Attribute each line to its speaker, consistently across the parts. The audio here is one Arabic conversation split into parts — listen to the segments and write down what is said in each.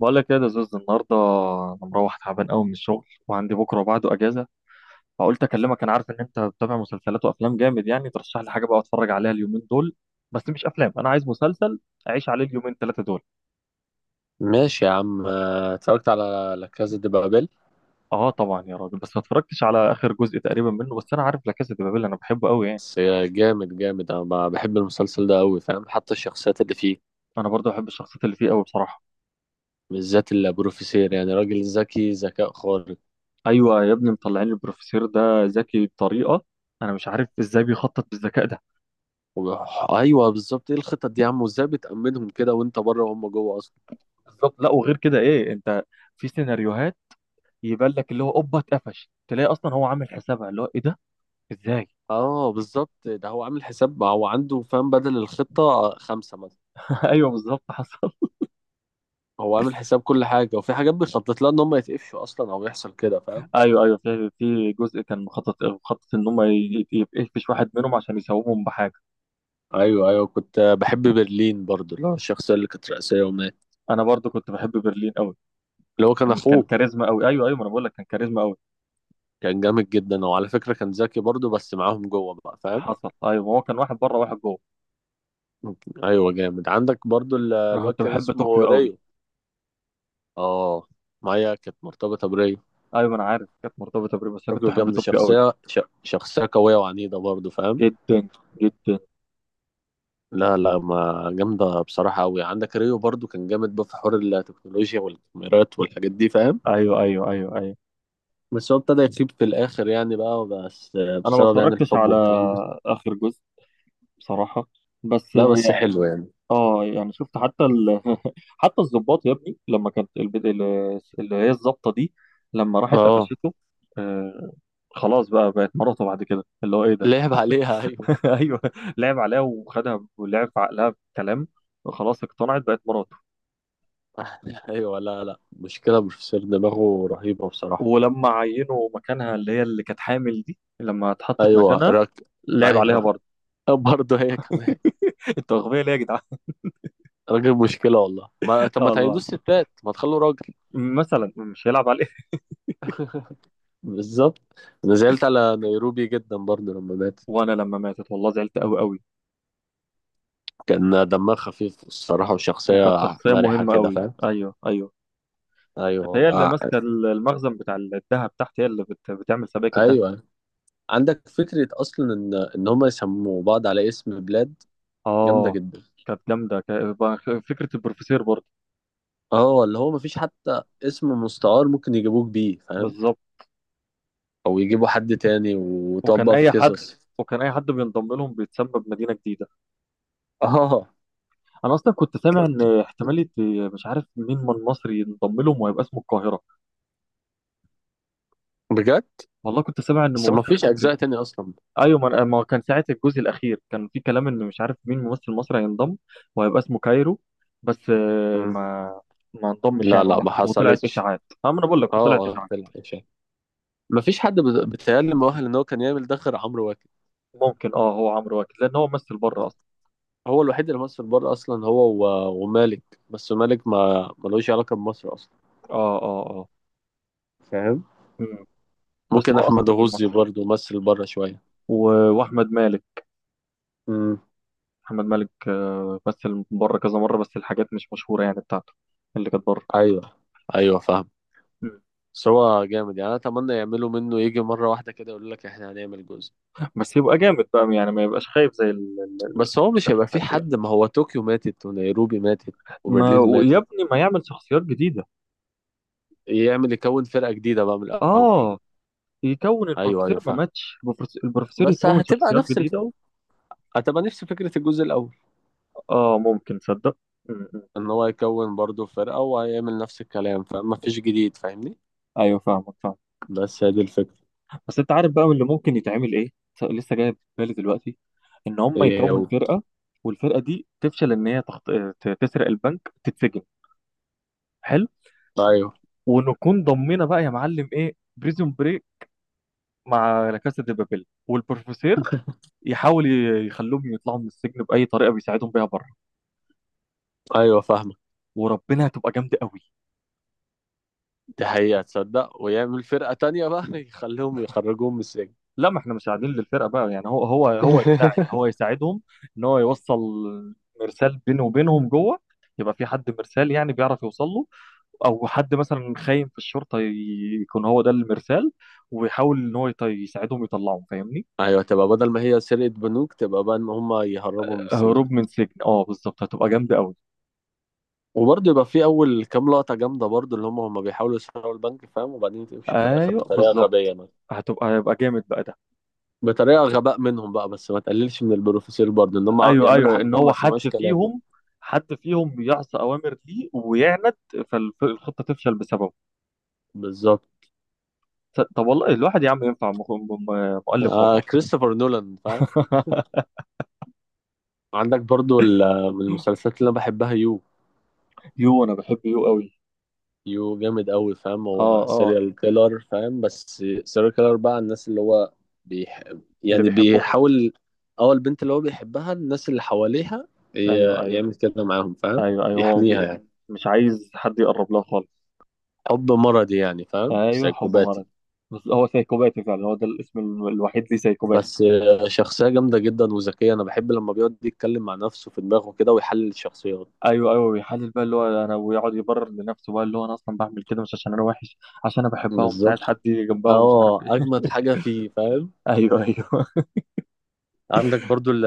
Speaker 1: بقول لك ايه يا زوز، النهارده انا مروح تعبان قوي من الشغل، وعندي بكره وبعده اجازه. فقلت اكلمك. انا عارف ان انت بتتابع مسلسلات وافلام جامد، يعني ترشح لي حاجه بقى اتفرج عليها اليومين دول. بس مش افلام، انا عايز مسلسل اعيش عليه اليومين ثلاثه دول.
Speaker 2: ماشي يا عم اتفرجت على لا كازا دي بابيل.
Speaker 1: اه طبعا يا راجل، بس ما اتفرجتش على اخر جزء تقريبا منه، بس انا عارف لا كاسا دي بابيل، انا بحبه قوي يعني.
Speaker 2: بس جامد جامد، انا بحب المسلسل ده قوي، فاهم؟ حتى الشخصيات اللي فيه،
Speaker 1: انا برضه بحب الشخصيات اللي فيه قوي بصراحه.
Speaker 2: بالذات البروفيسير، يعني راجل ذكي ذكاء خارق.
Speaker 1: ايوه يا ابني، مطلعين البروفيسور ده ذكي بطريقه. انا مش عارف ازاي بيخطط بالذكاء ده.
Speaker 2: وب- ايوه بالظبط، ايه الخطط دي يا عم؟ وازاي بتأمنهم كده وانت بره وهم جوه اصلا؟
Speaker 1: بالظبط. لا وغير كده ايه انت، في سيناريوهات يبان لك اللي هو اوبا اتقفش، تلاقي اصلا هو عامل حسابها اللي هو ايه ده، ازاي؟
Speaker 2: اه بالظبط، ده هو عامل حساب، هو عنده فاهم بدل الخطة خمسة مثلا.
Speaker 1: ايوه بالظبط حصل.
Speaker 2: هو عامل حساب كل حاجة، وفي حاجات بيخطط لها ان هم يتقفشوا اصلا، او يحصل كده فاهم.
Speaker 1: ايوه ايوه، في جزء كان مخطط ان هم يقفش واحد منهم عشان يسومهم بحاجه.
Speaker 2: ايوه ايوه، كنت بحب برلين برضو، اللي هو الشخصية اللي كانت رئيسية ومات.
Speaker 1: انا برضو كنت بحب برلين قوي.
Speaker 2: اللي هو كان
Speaker 1: كان
Speaker 2: اخوه،
Speaker 1: كاريزما قوي. ايوه ايوه، ما انا بقول لك كان كاريزما قوي.
Speaker 2: كان جامد جدا. وعلى فكرة كان ذكي برضو، بس معاهم جوه بقى فاهم.
Speaker 1: حصل، ايوه، هو كان واحد بره واحد جوه.
Speaker 2: ايوه جامد، عندك برضو
Speaker 1: انا
Speaker 2: الواد
Speaker 1: كنت
Speaker 2: كان
Speaker 1: بحب
Speaker 2: اسمه
Speaker 1: طوكيو قوي.
Speaker 2: ريو. اه، مايا كانت مرتبطة بريو.
Speaker 1: ايوه، ما انا عارف كانت مرتبطه بري، بس انا كنت
Speaker 2: طوكيو
Speaker 1: بحب
Speaker 2: جامدة،
Speaker 1: طوكيو قوي.
Speaker 2: شخصية شخصية قوية وعنيدة برضو فاهم.
Speaker 1: جدا. جدا.
Speaker 2: لا لا، ما جامدة بصراحة أوي. عندك ريو برضو كان جامد بقى في حوار التكنولوجيا والكاميرات والحاجات دي فاهم.
Speaker 1: ايوه ايوه ايوه ايوه.
Speaker 2: بس هو ابتدى يخيب في الآخر يعني بقى، بس
Speaker 1: انا ما
Speaker 2: بسبب يعني
Speaker 1: اتفرجتش
Speaker 2: الحب
Speaker 1: على
Speaker 2: والكلام ده.
Speaker 1: اخر جزء بصراحه، بس
Speaker 2: لا بس حلو يعني.
Speaker 1: اه يعني شفت حتى حتى الضباط يا ابني، لما كانت اللي هي الضابطه دي، لما راحت
Speaker 2: اه،
Speaker 1: قفشته. آه. خلاص بقى بقت مراته بعد كده اللي هو ايه ده.
Speaker 2: لعب عليها. أيوه.
Speaker 1: ايوه. لعب عليها وخدها ولعب في عقلها بكلام، خلاص اقتنعت بقت مراته.
Speaker 2: ايوه، لا لا، مشكله بروفيسور، دماغه رهيبه بصراحه.
Speaker 1: ولما عينوا مكانها اللي هي اللي كانت حامل دي، لما اتحطت
Speaker 2: ايوه
Speaker 1: مكانها
Speaker 2: راك.
Speaker 1: لعب عليها
Speaker 2: ايوه.
Speaker 1: برضه.
Speaker 2: برضه هي كمان.
Speaker 1: انتوا اغبياء ليه يا جدعان؟
Speaker 2: راجل مشكله والله. ما
Speaker 1: اه
Speaker 2: طب ما
Speaker 1: والله
Speaker 2: تعينوش
Speaker 1: العظيم،
Speaker 2: ستات، ما تخلوا راجل.
Speaker 1: مثلا مش هيلعب عليه.
Speaker 2: بالظبط. انا زعلت على نيروبي جدا برضه لما مات.
Speaker 1: وانا لما ماتت والله زعلت قوي قوي.
Speaker 2: كان دمها خفيف الصراحه،
Speaker 1: وكانت
Speaker 2: وشخصيه
Speaker 1: شخصيه
Speaker 2: مرحه
Speaker 1: مهمه
Speaker 2: كده
Speaker 1: قوي،
Speaker 2: فاهم.
Speaker 1: ايوه ايوه.
Speaker 2: ايوه
Speaker 1: وكانت هي اللي
Speaker 2: والله.
Speaker 1: ماسكه المخزن بتاع الذهب تحت، هي اللي بتعمل سبائك الذهب.
Speaker 2: ايوه عندك فكره اصلا ان هم يسموا بعض على اسم بلاد. جامده
Speaker 1: اه.
Speaker 2: جدا.
Speaker 1: كانت جامده فكره البروفيسور برضه.
Speaker 2: اه، اللي هو مفيش حتى اسم مستعار ممكن يجيبوك بيه فاهم.
Speaker 1: بالظبط.
Speaker 2: او يجيبوا حد تاني
Speaker 1: وكان
Speaker 2: وطبق في
Speaker 1: اي حد،
Speaker 2: قصص.
Speaker 1: وكان اي حد بينضم لهم بيتسبب مدينه جديده.
Speaker 2: اه
Speaker 1: انا اصلا كنت سامع ان احتماليه، مش عارف مين من مصري ينضم لهم وهيبقى اسمه القاهره.
Speaker 2: بجد.
Speaker 1: والله كنت سامع ان
Speaker 2: بس ما
Speaker 1: ممثل
Speaker 2: فيش
Speaker 1: مصري.
Speaker 2: اجزاء تاني اصلا.
Speaker 1: ايوه، ما كان ساعه الجزء الاخير كان في كلام ان مش عارف مين ممثل مصري هينضم وهيبقى اسمه كايرو. بس آه،
Speaker 2: مم.
Speaker 1: ما ما انضمش يعني
Speaker 2: لا لا
Speaker 1: ولا
Speaker 2: ما
Speaker 1: حاجه، وطلعت
Speaker 2: حصلتش.
Speaker 1: اشاعات. ما انا بقول لك
Speaker 2: اه
Speaker 1: وطلعت
Speaker 2: اه،
Speaker 1: اشاعات.
Speaker 2: طلع إشاعة. ما فيش حد بيتهيألي مؤهل ان هو كان يعمل ده غير عمرو واكد.
Speaker 1: ممكن، اه هو عمرو واكد لان هو ممثل بره
Speaker 2: آه.
Speaker 1: اصلا.
Speaker 2: هو الوحيد اللي مصر بره اصلا، هو ومالك، بس مالك ما ملوش علاقه بمصر اصلا
Speaker 1: اه اه اه.
Speaker 2: فاهم.
Speaker 1: مم. بس
Speaker 2: ممكن
Speaker 1: هو
Speaker 2: احمد
Speaker 1: اصلا
Speaker 2: غزي
Speaker 1: لمصر.
Speaker 2: برضه مثل بره شويه.
Speaker 1: و... واحمد مالك.
Speaker 2: مم.
Speaker 1: احمد مالك مثل بره كذا مره، بس الحاجات مش مشهوره يعني بتاعته اللي كانت بره.
Speaker 2: ايوه ايوه فاهم.
Speaker 1: مم.
Speaker 2: بس هو جامد يعني، انا اتمنى يعملوا منه يجي مره واحده كده، يقول لك احنا هنعمل جزء.
Speaker 1: بس يبقى جامد بقى، يعني ما يبقاش خايف زي
Speaker 2: بس هو مش
Speaker 1: اللي
Speaker 2: هيبقى في
Speaker 1: فات يعني.
Speaker 2: حد. ما هو طوكيو ماتت ونيروبي ماتت
Speaker 1: ما
Speaker 2: وبرلين
Speaker 1: ويا
Speaker 2: ماتت.
Speaker 1: ابني ما يعمل شخصيات جديده.
Speaker 2: يعمل يكون فرقة جديدة بقى من الأول.
Speaker 1: اه، يكون
Speaker 2: أيوه
Speaker 1: البروفيسور
Speaker 2: أيوه
Speaker 1: ما
Speaker 2: فاهم.
Speaker 1: ماتش، البروفيسور
Speaker 2: بس
Speaker 1: يكون
Speaker 2: هتبقى
Speaker 1: شخصيات
Speaker 2: نفس
Speaker 1: جديده.
Speaker 2: هتبقى نفس فكرة الجزء الأول.
Speaker 1: اه ممكن، تصدق. مم.
Speaker 2: إن هو يكون برضه فرقة، وهيعمل نفس الكلام، فما فيش جديد فاهمني.
Speaker 1: ايوه فاهمك.
Speaker 2: بس هي دي الفكرة.
Speaker 1: بس انت عارف بقى من اللي ممكن يتعمل ايه، لسه جاي في بالي دلوقتي، ان هم
Speaker 2: إيه
Speaker 1: يكون
Speaker 2: و...
Speaker 1: فرقه، والفرقه دي تفشل ان هي تسرق البنك، تتسجن. حلو.
Speaker 2: أيوه.
Speaker 1: ونكون ضمينا بقى يا معلم ايه، بريزون بريك مع لا كاسا دي بابيل، والبروفيسور يحاول يخلوهم يطلعوا من السجن باي طريقه بيساعدهم بيها بره.
Speaker 2: أيوه فاهمة.
Speaker 1: وربنا هتبقى جامده قوي.
Speaker 2: دي حقيقة، تصدق ويعمل فرقة تانية بقى. يخليهم يخرجوهم من السجن.
Speaker 1: لا ما احنا مش قاعدين للفرقه بقى، يعني هو يساعد، هو يساعدهم ان هو يوصل مرسال بينه وبينهم جوه، يبقى في حد مرسال يعني بيعرف يوصل له، او حد مثلا خاين في الشرطه يكون هو ده المرسال، ويحاول ان هو يساعدهم يطلعهم فاهمني.
Speaker 2: أيوه، تبقى بدل ما هي سرقة بنوك، تبقى بقى إن هما يهربوا من السجن.
Speaker 1: هروب من سجن، اه بالظبط هتبقى جامده قوي.
Speaker 2: وبرضه يبقى في اول كام لقطه جامده برضه، اللي هم بيحاولوا يسرقوا البنك فاهم، وبعدين تمشي في الاخر
Speaker 1: ايوه
Speaker 2: بطريقه
Speaker 1: بالظبط.
Speaker 2: غبيه مثلا.
Speaker 1: هيبقى جامد بقى ده.
Speaker 2: بطريقه غباء منهم بقى. بس ما تقللش من البروفيسور برضه ان هم
Speaker 1: ايوه
Speaker 2: يعملوا
Speaker 1: ايوه،
Speaker 2: حاجه
Speaker 1: ان هو
Speaker 2: ما
Speaker 1: حد
Speaker 2: سمعوش كلامه.
Speaker 1: فيهم، حد فيهم يعصى اوامر ليه ويعند، فالخطه تفشل بسببه.
Speaker 2: بالظبط.
Speaker 1: طب والله الواحد يا عم ينفع مؤلف
Speaker 2: آه
Speaker 1: والله.
Speaker 2: كريستوفر نولان فاهم. عندك برضه من المسلسلات اللي انا بحبها يو.
Speaker 1: يو، انا بحب يو قوي.
Speaker 2: يو جامد قوي فاهم،
Speaker 1: اه
Speaker 2: هو
Speaker 1: اه.
Speaker 2: سيريال كيلر فاهم. بس سيريال كيلر بقى، الناس اللي هو بيح...
Speaker 1: اللي
Speaker 2: يعني
Speaker 1: بيحبهم.
Speaker 2: بيحاول. اول البنت اللي هو بيحبها، الناس اللي حواليها
Speaker 1: ايوه ايوه
Speaker 2: يعمل كده معاهم فاهم.
Speaker 1: ايوه ايوه. هو
Speaker 2: يحميها يعني.
Speaker 1: مش عايز حد يقرب له خالص.
Speaker 2: حب مرضي يعني فاهم،
Speaker 1: ايوه حب
Speaker 2: سايكوباتي.
Speaker 1: مرض. بس هو سايكوباتي فعلا، هو ده الاسم الوحيد ليه، سايكوباتي.
Speaker 2: بس شخصية جامدة جدا وذكية. أنا بحب لما بيقعد يتكلم مع نفسه في دماغه كده ويحلل الشخصيات.
Speaker 1: ايوه ايوه بيحلل بقى اللي هو انا، ويقعد يبرر لنفسه بقى اللي هو انا اصلا بعمل كده مش عشان انا وحش، عشان انا بحبها ومش عايز حد
Speaker 2: بالظبط.
Speaker 1: يجي جنبها ومش عارف
Speaker 2: اه،
Speaker 1: ايه.
Speaker 2: أجمد حاجة فيه فاهم.
Speaker 1: ايوه ايوه
Speaker 2: عندك برضو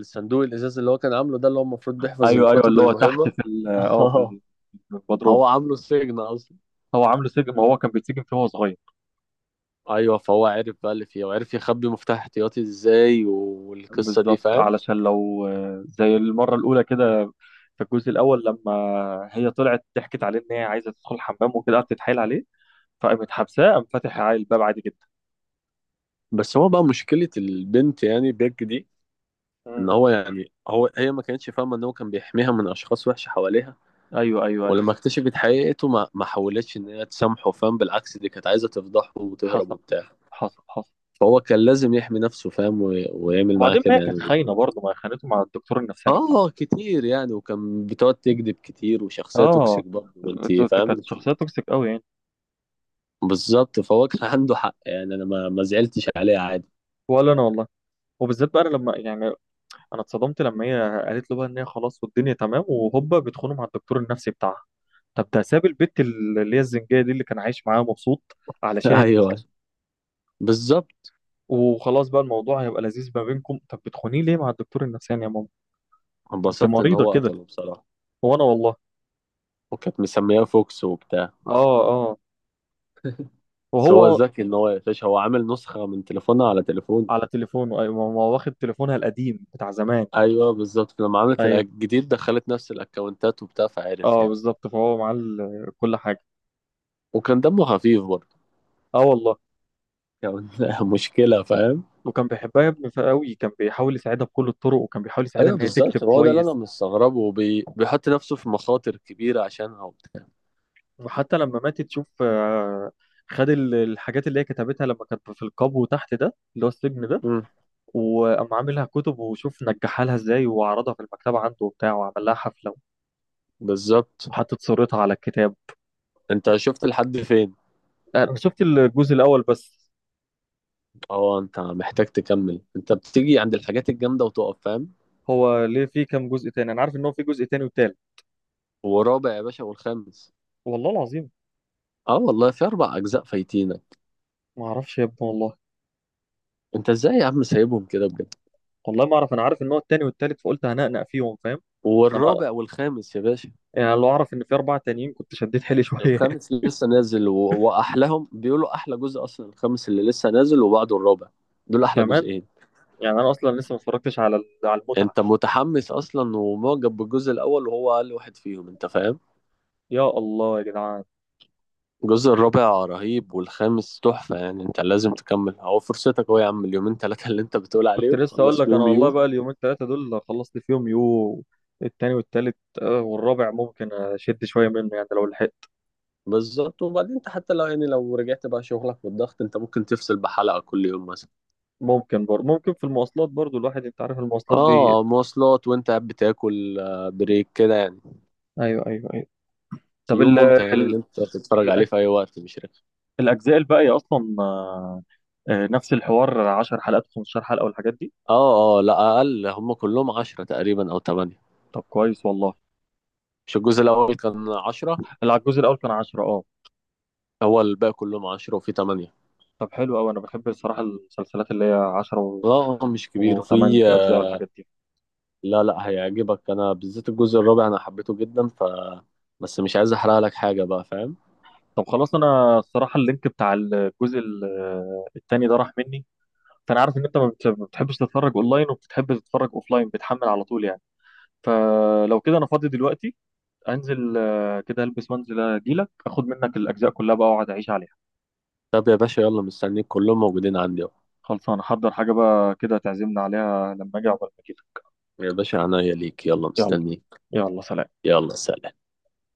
Speaker 2: الصندوق الازاز اللي هو كان عامله ده، اللي هو المفروض بيحفظ
Speaker 1: ايوه ايوه.
Speaker 2: الكتب
Speaker 1: اللي هو تحت
Speaker 2: المهمه.
Speaker 1: في
Speaker 2: اه،
Speaker 1: في البدروم.
Speaker 2: هو عامله سجن اصلا.
Speaker 1: هو عامله سجن، ما هو كان بيتسجن فيه وهو صغير.
Speaker 2: ايوه، فهو عرف بقى اللي فيه، وعرف يخبي مفتاح احتياطي ازاي والقصه دي
Speaker 1: بالظبط،
Speaker 2: فاهم.
Speaker 1: علشان لو زي المرة الأولى كده، في الجزء الأول لما هي طلعت ضحكت عليه إن هي عايزة تدخل الحمام وكده، قعدت تتحايل عليه فقامت حبساه، قام فاتح عليه الباب عادي جدا.
Speaker 2: بس هو بقى مشكله البنت يعني بيج دي، ان
Speaker 1: مم.
Speaker 2: هو يعني، هو هي ما كانتش فاهمه ان هو كان بيحميها من اشخاص وحشه حواليها.
Speaker 1: أيوه أيوه أيوه.
Speaker 2: ولما اكتشفت حقيقته ما ما حاولتش ان هي تسامحه فاهم، بالعكس دي كانت عايزه تفضحه وتهرب
Speaker 1: حصل.
Speaker 2: وبتاع.
Speaker 1: حصل حصل.
Speaker 2: فهو كان لازم يحمي نفسه فاهم، ويعمل معاه
Speaker 1: وبعدين ما هي
Speaker 2: كده
Speaker 1: كانت
Speaker 2: يعني.
Speaker 1: خاينة برضه، ما هي خانته مع الدكتور النفساني بتاعها.
Speaker 2: اه كتير يعني، وكان بتقعد تكذب كتير، وشخصية
Speaker 1: آه.
Speaker 2: توكسيك برضه انت فاهم
Speaker 1: كانت
Speaker 2: انت.
Speaker 1: شخصية توكسيك قوي يعني.
Speaker 2: بالظبط، فهو كان عنده حق يعني، انا ما ما زعلتش عليه عادي.
Speaker 1: ولا أنا والله. وبالذات بقى أنا لما يعني، انا اتصدمت لما هي قالت له بقى ان هي خلاص والدنيا تمام، وهوبا بتخونه مع الدكتور النفسي بتاعها. طب ده ساب البت اللي هي الزنجيه دي اللي كان عايش معاها مبسوط علشان،
Speaker 2: ايوه بالظبط.
Speaker 1: وخلاص بقى الموضوع هيبقى لذيذ ما بينكم، طب بتخونيه ليه مع الدكتور النفساني يا ماما؟ انت
Speaker 2: انبسطت ان
Speaker 1: مريضه
Speaker 2: هو
Speaker 1: كده.
Speaker 2: قتله بصراحة.
Speaker 1: هو انا والله.
Speaker 2: وكانت مسمياه فوكس وبتاع.
Speaker 1: اه اه.
Speaker 2: بس هو
Speaker 1: وهو.
Speaker 2: ذكي ان هو يقفش، هو عامل نسخة من تليفونها على تليفون.
Speaker 1: على تليفونه، ايوه، ما هو واخد تليفونها القديم بتاع زمان.
Speaker 2: ايوه بالظبط، لما عملت
Speaker 1: ايوه.
Speaker 2: الجديد دخلت نفس الاكونتات وبتاع، فعرف
Speaker 1: اه
Speaker 2: يعني.
Speaker 1: بالظبط، فهو معاه كل حاجه.
Speaker 2: وكان دمه خفيف برضه
Speaker 1: اه والله.
Speaker 2: يعني. مشكلة فاهم.
Speaker 1: وكان بيحبها يا ابني قوي، كان بيحاول يساعدها بكل الطرق، وكان بيحاول يساعدها
Speaker 2: ايوه
Speaker 1: ان هي تكتب
Speaker 2: بالظبط، هو ده اللي انا
Speaker 1: كويس.
Speaker 2: مستغربه، بيحط نفسه في مخاطر كبيره عشانها وبتاع.
Speaker 1: وحتى لما ماتت تشوف، خد الحاجات اللي هي كتبتها لما كانت في القبو تحت، ده اللي هو السجن ده.
Speaker 2: امم.
Speaker 1: وقام عاملها كتب، وشوف نجحها لها ازاي، وعرضها في المكتبة عنده وبتاع، وعمل لها حفلة.
Speaker 2: بالظبط.
Speaker 1: وحطت صورتها على الكتاب.
Speaker 2: انت شفت لحد فين؟
Speaker 1: انا شفت الجزء الاول بس.
Speaker 2: اه، انت محتاج تكمل. انت بتيجي عند الحاجات الجامده وتقف فاهم.
Speaker 1: هو ليه في كام جزء تاني؟ انا عارف ان هو في جزء تاني وتالت.
Speaker 2: ورابع يا باشا والخامس.
Speaker 1: والله العظيم.
Speaker 2: اه والله، في 4 اجزاء فايتينك.
Speaker 1: ما اعرفش يا ابني والله.
Speaker 2: انت ازاي يا عم سايبهم كده بجد؟
Speaker 1: والله ما اعرف، انا عارف ان هو التاني والتالت فقلت هنقنق فيهم فاهم. انا ما
Speaker 2: والرابع والخامس يا باشا.
Speaker 1: يعني، لو اعرف ان في اربعة تانيين كنت شديت حيلي شوية.
Speaker 2: الخامس اللي لسه نازل و... واحلاهم بيقولوا احلى جزء اصلا، الخامس اللي لسه نازل وبعده الرابع، دول احلى
Speaker 1: كمان،
Speaker 2: جزئين.
Speaker 1: يعني انا اصلا لسه ما اتفرجتش على على المتعة.
Speaker 2: انت متحمس اصلا ومعجب بالجزء الاول، وهو اقل واحد فيهم انت فاهم.
Speaker 1: يا الله يا جدعان.
Speaker 2: الجزء الرابع رهيب والخامس تحفة يعني. انت لازم تكمل اهو فرصتك اهو يا عم، اليومين ثلاثة اللي انت بتقول
Speaker 1: كنت
Speaker 2: عليهم
Speaker 1: لسه اقول
Speaker 2: خلص
Speaker 1: لك انا
Speaker 2: فيهم
Speaker 1: والله
Speaker 2: يوم
Speaker 1: بقى اليومين ثلاثه دول خلصت فيهم يو، التاني والتالت، والرابع ممكن اشد شويه منه يعني لو لحقت.
Speaker 2: بالظبط. وبعدين انت حتى لو يعني، لو رجعت بقى شغلك والضغط، انت ممكن تفصل بحلقة كل يوم مثلا.
Speaker 1: ممكن برضه، ممكن في المواصلات برضه الواحد، انت عارف المواصلات دي.
Speaker 2: اه مواصلات، وانت قاعد بتاكل بريك كده يعني.
Speaker 1: ايوه ايوه ايوه. طب
Speaker 2: يوم ممتع يعني، ان
Speaker 1: ال...
Speaker 2: انت تتفرج عليه
Speaker 1: الأج-
Speaker 2: في اي وقت مش رخم.
Speaker 1: الاجزاء الباقيه اصلا نفس الحوار 10 حلقات 15 حلقه والحاجات دي.
Speaker 2: اه اه، لا اقل هم كلهم 10 تقريبا او 8.
Speaker 1: طب كويس والله.
Speaker 2: مش الجزء الاول كان 10؟
Speaker 1: الجزء الاول كان 10، اه.
Speaker 2: هو الباقي كلهم 10 وفي 8.
Speaker 1: طب حلو قوي، انا بحب الصراحه المسلسلات اللي هي 10
Speaker 2: لا مش كبير
Speaker 1: و8
Speaker 2: في
Speaker 1: اجزاء
Speaker 2: آه،
Speaker 1: والحاجات دي.
Speaker 2: لا لا، هيعجبك. أنا بالذات الجزء الرابع أنا حبيته جدا، ف بس مش عايز أحرق لك حاجة بقى فاهم.
Speaker 1: طب خلاص، انا الصراحه اللينك بتاع الجزء التاني ده راح مني. فانا عارف ان انت ما بتحبش تتفرج اونلاين، وبتحب تتفرج اوفلاين بتحمل على طول يعني. فلو كده انا فاضي دلوقتي، انزل كده البس وانزل اجيلك اخد منك الاجزاء كلها بقى واقعد اعيش عليها.
Speaker 2: طب يا باشا يلا مستنيك، كلهم موجودين عندي أهو.
Speaker 1: خلصان احضر حاجه بقى كده تعزمنا عليها لما اجي، عقبال ما كده.
Speaker 2: يا باشا عناية ليك، يلا
Speaker 1: يلا.
Speaker 2: مستنيك.
Speaker 1: يلا سلام.
Speaker 2: يلا سلام.